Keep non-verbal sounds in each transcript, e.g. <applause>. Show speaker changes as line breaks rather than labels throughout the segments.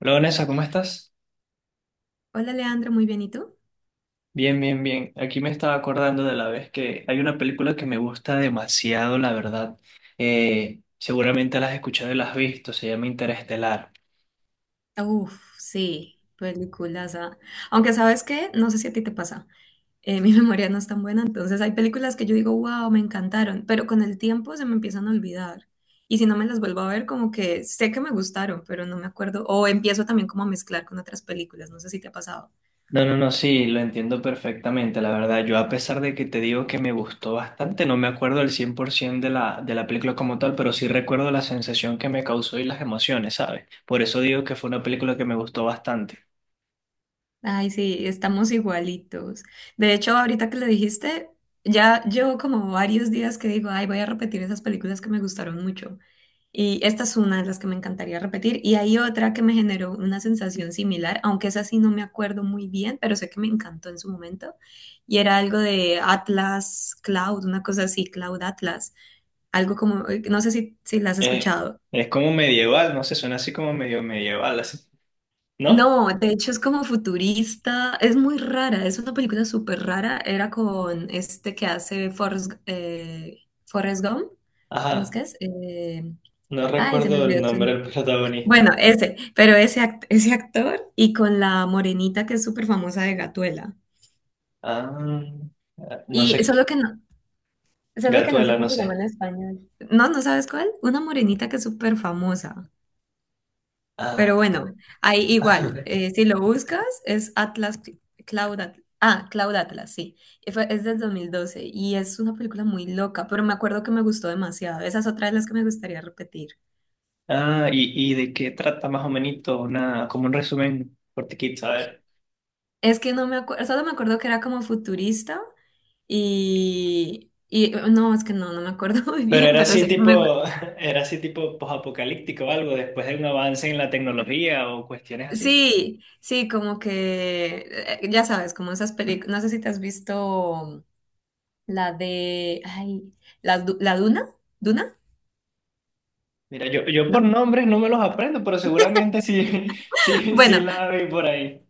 Hola Vanessa, ¿cómo estás?
Hola Leandro, muy bien, ¿y tú?
Bien, bien, bien. Aquí me estaba acordando de la vez que hay una película que me gusta demasiado, la verdad. Seguramente la has escuchado y la has visto, se llama Interestelar.
Uf, sí, películas. Ah. Aunque sabes qué, no sé si a ti te pasa, mi <laughs> memoria no es tan buena, entonces hay películas que yo digo, wow, me encantaron, pero con el tiempo se me empiezan a olvidar. Y si no me las vuelvo a ver, como que sé que me gustaron, pero no me acuerdo, o empiezo también como a mezclar con otras películas, no sé si te ha pasado.
No, no, no, sí, lo entiendo perfectamente, la verdad. Yo a pesar de que te digo que me gustó bastante, no me acuerdo el cien por 100% de la película como tal, pero sí recuerdo la sensación que me causó y las emociones, ¿sabes? Por eso digo que fue una película que me gustó bastante.
Ay, sí, estamos igualitos. De hecho, ahorita que le dijiste, ya llevo como varios días que digo, ay, voy a repetir esas películas que me gustaron mucho. Y esta es una de las que me encantaría repetir. Y hay otra que me generó una sensación similar, aunque esa sí no me acuerdo muy bien, pero sé que me encantó en su momento. Y era algo de Atlas Cloud, una cosa así, Cloud Atlas. Algo como, no sé si la has
Eh,
escuchado.
es como medieval, no sé, suena así como medio medieval, así, ¿no?
No, de hecho es como futurista, es muy rara, es una película súper rara. Era con este que hace Forrest, Forrest Gump, ¿cómo es que
Ajá.
es?
No
Ay, se me
recuerdo el
olvidó su
nombre del
nombre.
protagonista.
Bueno, ese, pero ese, ese actor y con la morenita que es súper famosa de Gatuela.
Ah, no
Y
sé.
solo que no sé
Gatuela,
cómo
no
se llama en
sé.
español. No, ¿no sabes cuál? Una morenita que es súper famosa. Pero
Ah,
bueno, ahí igual,
<laughs>
si lo buscas, es Atlas, Cloud Atlas. Ah, Cloud Atlas, sí. Es del 2012 y es una película muy loca, pero me acuerdo que me gustó demasiado. Esa es otra de las que me gustaría repetir.
Y de qué trata más o menos, una, como un resumen cortiquito, a ver.
Es que no me acuerdo, solo me acuerdo que era como futurista y no, es que no me acuerdo <laughs> muy
Pero
bien,
era
pero
así
sé que me...
tipo, <laughs> era así tipo posapocalíptico o algo, después de un avance en la tecnología o cuestiones así.
Sí, sí, como que, ya sabes, como esas películas, no sé si te has visto la de, ay, la, Du- la Duna, ¿Duna?
Mira, yo por
¿No?
nombres no me los aprendo, pero seguramente sí, <laughs> sí, sí
Bueno,
la vi por ahí.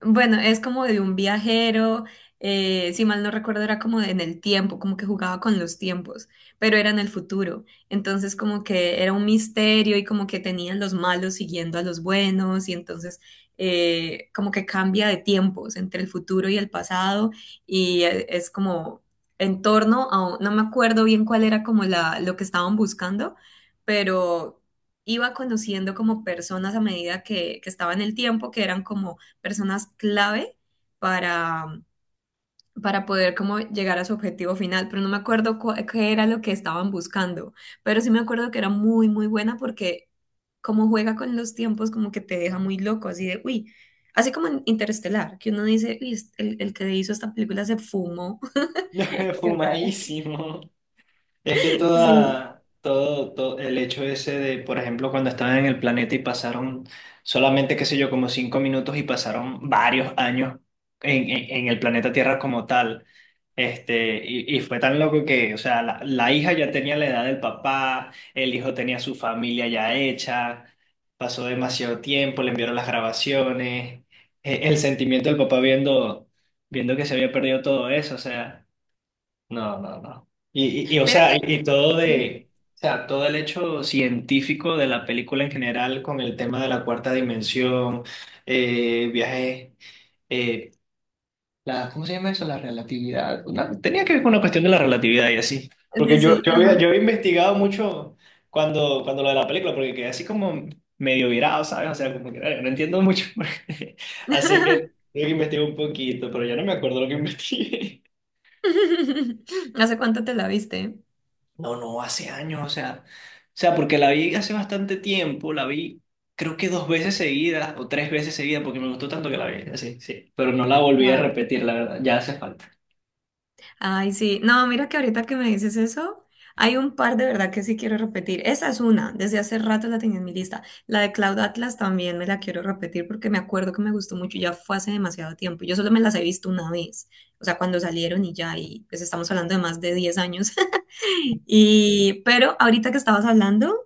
bueno, es como de un viajero, si mal no recuerdo era como en el tiempo, como que jugaba con los tiempos, pero era en el futuro. Entonces como que era un misterio y como que tenían los malos siguiendo a los buenos y entonces como que cambia de tiempos entre el futuro y el pasado y es como en torno a, no me acuerdo bien cuál era como lo que estaban buscando, pero iba conociendo como personas a medida que estaba en el tiempo que eran como personas clave para, para poder como llegar a su objetivo final, pero no me acuerdo qué era lo que estaban buscando, pero sí me acuerdo que era muy, muy buena porque como juega con los tiempos, como que te deja muy loco, así de, uy, así como en Interestelar, que uno dice, uy, el que hizo esta película se fumó.
<laughs>
<laughs> O
Fumadísimo. Es que
sea, sí,
toda, todo el hecho ese de, por ejemplo, cuando estaban en el planeta y pasaron solamente, qué sé yo, como cinco minutos y pasaron varios años en, en el planeta Tierra como tal. Este, y fue tan loco que, o sea, la hija ya tenía la edad del papá, el hijo tenía su familia ya hecha, pasó demasiado tiempo, le enviaron las grabaciones, el sentimiento del papá viendo, viendo que se había perdido todo eso, o sea. No, no, no. Y, o
mira
sea,
que,
y todo
ujú,
de, o sea, todo el hecho científico de la película en general con el tema de la cuarta dimensión, viajes, eh, la, ¿cómo se llama eso? La relatividad. Una- tenía que ver con una cuestión de la relatividad y así. Porque
sí,
yo,
sí, ajá.
yo había investigado mucho cuando, cuando lo de la película, porque quedé así como medio virado, ¿sabes? O sea, como que "Ay, no entiendo mucho". <laughs> Así que
<laughs>
tuve que investigar un poquito, pero ya no me acuerdo lo que <laughs> investigué.
¿Hace cuánto te la viste?
No, no, hace años, o sea, porque la vi hace bastante tiempo, la vi creo que dos veces seguidas o tres veces seguidas porque me gustó tanto que la vi, sí, sí, pero no la volví a repetir, la verdad, ya hace falta.
Ay, sí. No, mira que ahorita que me dices eso, hay un par de verdad que sí quiero repetir. Esa es una, desde hace rato la tenía en mi lista. La de Cloud Atlas también me la quiero repetir porque me acuerdo que me gustó mucho, ya fue hace demasiado tiempo. Yo solo me las he visto una vez, o sea, cuando salieron y ya, y pues estamos hablando de más de 10 años. <laughs> Pero ahorita que estabas hablando,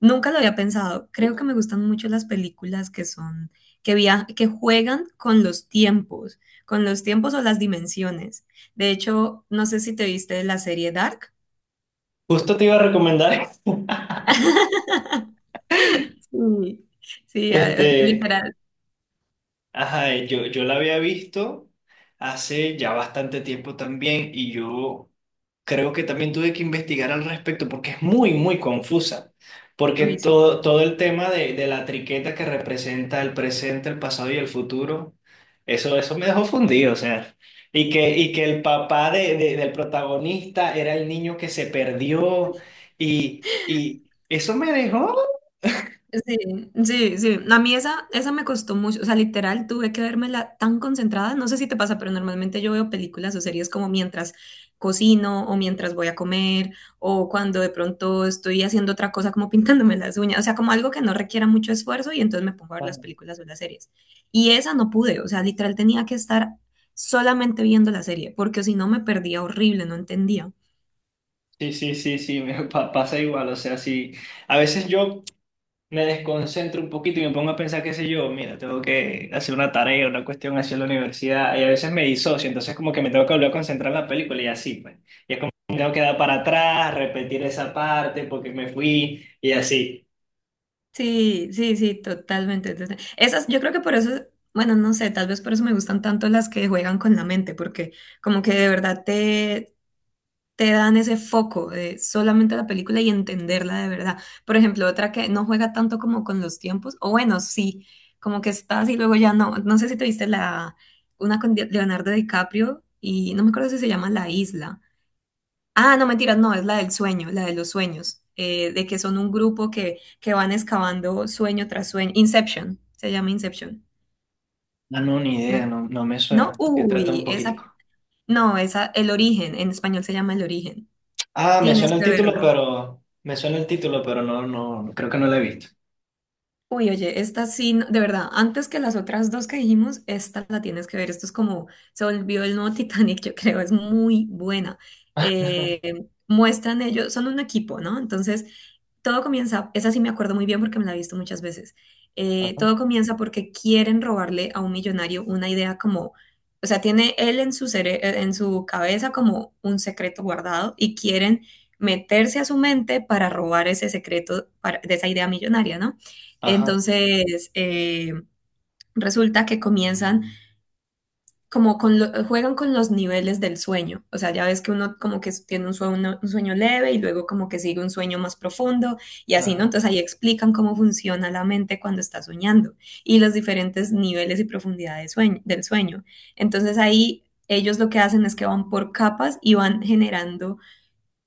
nunca lo había pensado. Creo que me gustan mucho las películas que son, que juegan con los tiempos o las dimensiones. De hecho, no sé si te viste la serie Dark.
Justo te iba a recomendar,
<laughs> Sí, sí,
<laughs> este,
literal.
ajá, yo la había visto hace ya bastante tiempo también y yo creo que también tuve que investigar al respecto porque es muy, muy confusa. Porque
Uy, sí.
todo, todo el tema de la triqueta que representa el presente, el pasado y el futuro, eso me dejó fundido, o sea. Y que el papá de, del protagonista era el niño que se perdió y eso me dejó...
Sí, sí, sí. A mí esa me costó mucho. O sea, literal, tuve que vérmela tan concentrada. No sé si te pasa, pero normalmente yo veo películas o series como mientras cocino o mientras voy a comer o cuando de pronto estoy haciendo otra cosa como <laughs> pintándome las uñas. O sea, como algo que no requiera mucho esfuerzo y entonces me pongo a ver las
Ah,
películas o las series. Y esa no pude. O sea, literal tenía que estar solamente viendo la serie porque si no me perdía horrible, no entendía.
sí, sí, sí, sí, me pa- pasa igual, o sea, sí, a veces yo me desconcentro un poquito y me pongo a pensar, qué sé yo, mira, tengo que hacer una tarea, una cuestión hacia la universidad, y a veces me disocio, entonces como que me tengo que volver a concentrar en la película y así, pues. Y es como que tengo que dar para atrás, repetir esa parte porque me fui y así.
Sí, sí, sí, totalmente. Entonces, esas, yo creo que por eso, bueno, no sé, tal vez por eso me gustan tanto las que juegan con la mente, porque como que de verdad te dan ese foco de solamente la película y entenderla de verdad. Por ejemplo, otra que no juega tanto como con los tiempos, o bueno, sí, como que estás y luego ya no. No sé si te viste una con Leonardo DiCaprio y no me acuerdo si se llama La Isla, ah, no, mentiras, no, es la del sueño, la de los sueños, de que son un grupo que van excavando sueño tras sueño. Inception, se llama Inception.
Ah, no, ni
No,
idea, no, no me
no,
suena. ¿Qué trata un
uy, esa,
poquitico?
no, esa, El Origen, en español se llama El Origen.
Ah, me
Tienes
suena el
que
título,
verla.
pero me suena el título, pero no, no, creo que no lo he visto.
Uy, oye, esta sí, de verdad, antes que las otras dos que dijimos, esta la tienes que ver. Esto es como, se volvió el nuevo <laughs> Titanic, yo creo, es muy buena. Muestran ellos, son un equipo, ¿no? Entonces, todo comienza, esa sí me acuerdo muy bien porque me la he visto muchas veces.
Ajá,
Todo comienza porque quieren robarle a un millonario una idea como, o sea, tiene él en su en su cabeza como un secreto guardado y quieren meterse a su mente para robar ese secreto de esa idea millonaria, ¿no?
ajá,
Entonces, resulta que comienzan como con juegan con los niveles del sueño. O sea, ya ves que uno como que tiene un sueño leve y luego como que sigue un sueño más profundo y así,
ajá.
¿no? Entonces ahí explican cómo funciona la mente cuando está soñando y los diferentes niveles y profundidades de del sueño. Entonces ahí ellos lo que hacen es que van por capas y van generando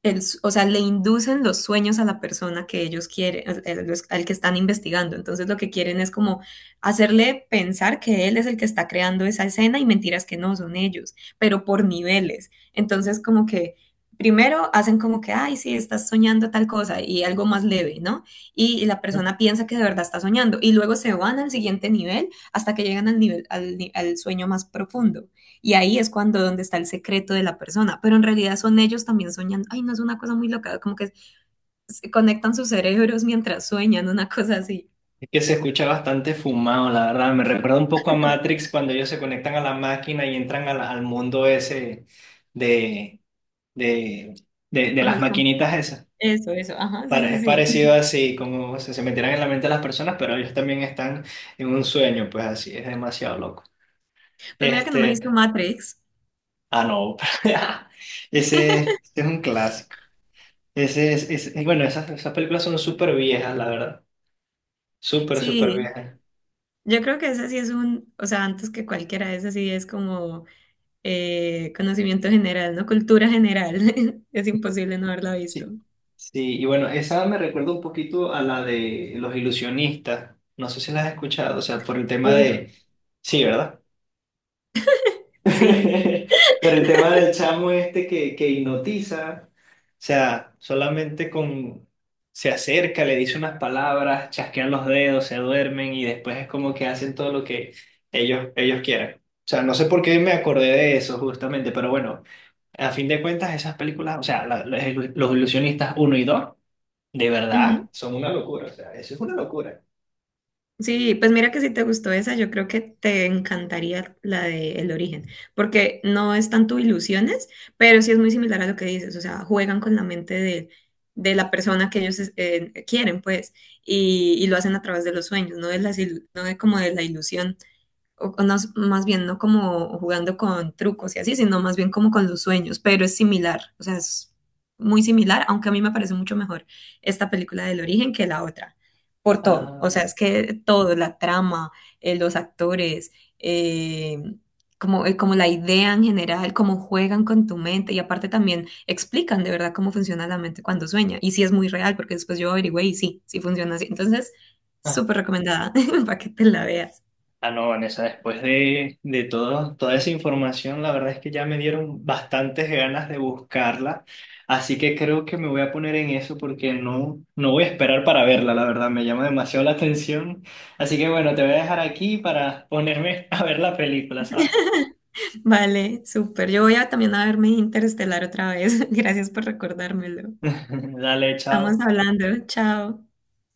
el o sea, le inducen los sueños a la persona que ellos quieren, al que están investigando. Entonces lo que quieren es como hacerle pensar que él es el que está creando esa escena y mentiras que no son ellos, pero por niveles. Entonces como que primero hacen como que, ay, sí, estás soñando tal cosa y algo más leve, ¿no? Y, la persona piensa que de verdad está soñando y luego se van al siguiente nivel hasta que llegan al nivel, al ni- al sueño más profundo. Y ahí es cuando donde está el secreto de la persona, pero en realidad son ellos también soñando. Ay, no es una cosa muy loca, como que se conectan sus cerebros mientras sueñan, una cosa así,
Es que se escucha bastante fumado, la verdad. Me recuerda un poco a Matrix cuando ellos se conectan a la máquina y entran al, al mundo ese de, de, de
como
las
el... com-
maquinitas esas.
eso, eso, ajá, sí,
Pare- Es
sí,
parecido
sí.
así, como se metieran en la mente de las personas, pero ellos también están en un sueño, pues así, es demasiado loco.
Pues mira que no me he visto
Este,
Matrix.
ah, no, <laughs> ese es un clásico. Ese, es- bueno, esas, esas películas son súper viejas, la verdad. Súper, súper
Sí,
viejas.
yo creo que ese sí es o sea, antes que cualquiera, ese sí es como conocimiento general, ¿no? Cultura general. <laughs> Es imposible no haberla
Sí,
visto.
sí, y bueno, esa me recuerda un poquito a la de los ilusionistas. No sé si las has escuchado, o sea, por el tema
Uf,
de... Sí, ¿verdad? <laughs>
sí.
Por el tema del chamo este que hipnotiza, o sea, solamente con... Se acerca, le dice unas palabras, chasquean los dedos, se duermen y después es como que hacen todo lo que ellos quieran. O sea, no sé por qué me acordé de eso justamente, pero bueno, a fin de cuentas esas películas, o sea, los ilusionistas uno y 2. De verdad, son una locura, o sea, eso es una locura.
Sí, pues mira que si te gustó esa, yo creo que te encantaría la de El Origen, porque no es tanto ilusiones, pero sí es muy similar a lo que dices, o sea, juegan con la mente de la persona que ellos quieren, pues, y lo hacen a través de los sueños, no de no de como de la ilusión o no, más bien no como jugando con trucos y así, sino más bien como con los sueños, pero es similar, o sea, es muy similar, aunque a mí me parece mucho mejor esta película del origen que la otra, por todo, o sea,
Ah,
es que todo, la trama, los actores, eh, como la idea en general, cómo juegan con tu mente y aparte también explican de verdad cómo funciona la mente cuando sueña y sí es muy real, porque después yo averigüé y sí funciona así, entonces,
ah,
súper recomendada <laughs> para que te la veas.
ah, no, Vanessa, después de todo, toda esa información, la verdad es que ya me dieron bastantes ganas de buscarla, así que creo que me voy a poner en eso porque no, no voy a esperar para verla, la verdad, me llama demasiado la atención. Así que bueno, te voy a dejar aquí para ponerme <laughs> a ver la película, ¿sabes?
Vale, súper. Yo voy a también a verme Interestelar otra vez. <laughs> Gracias por recordármelo.
<laughs> Dale,
Estamos
chao.
hablando. Chao.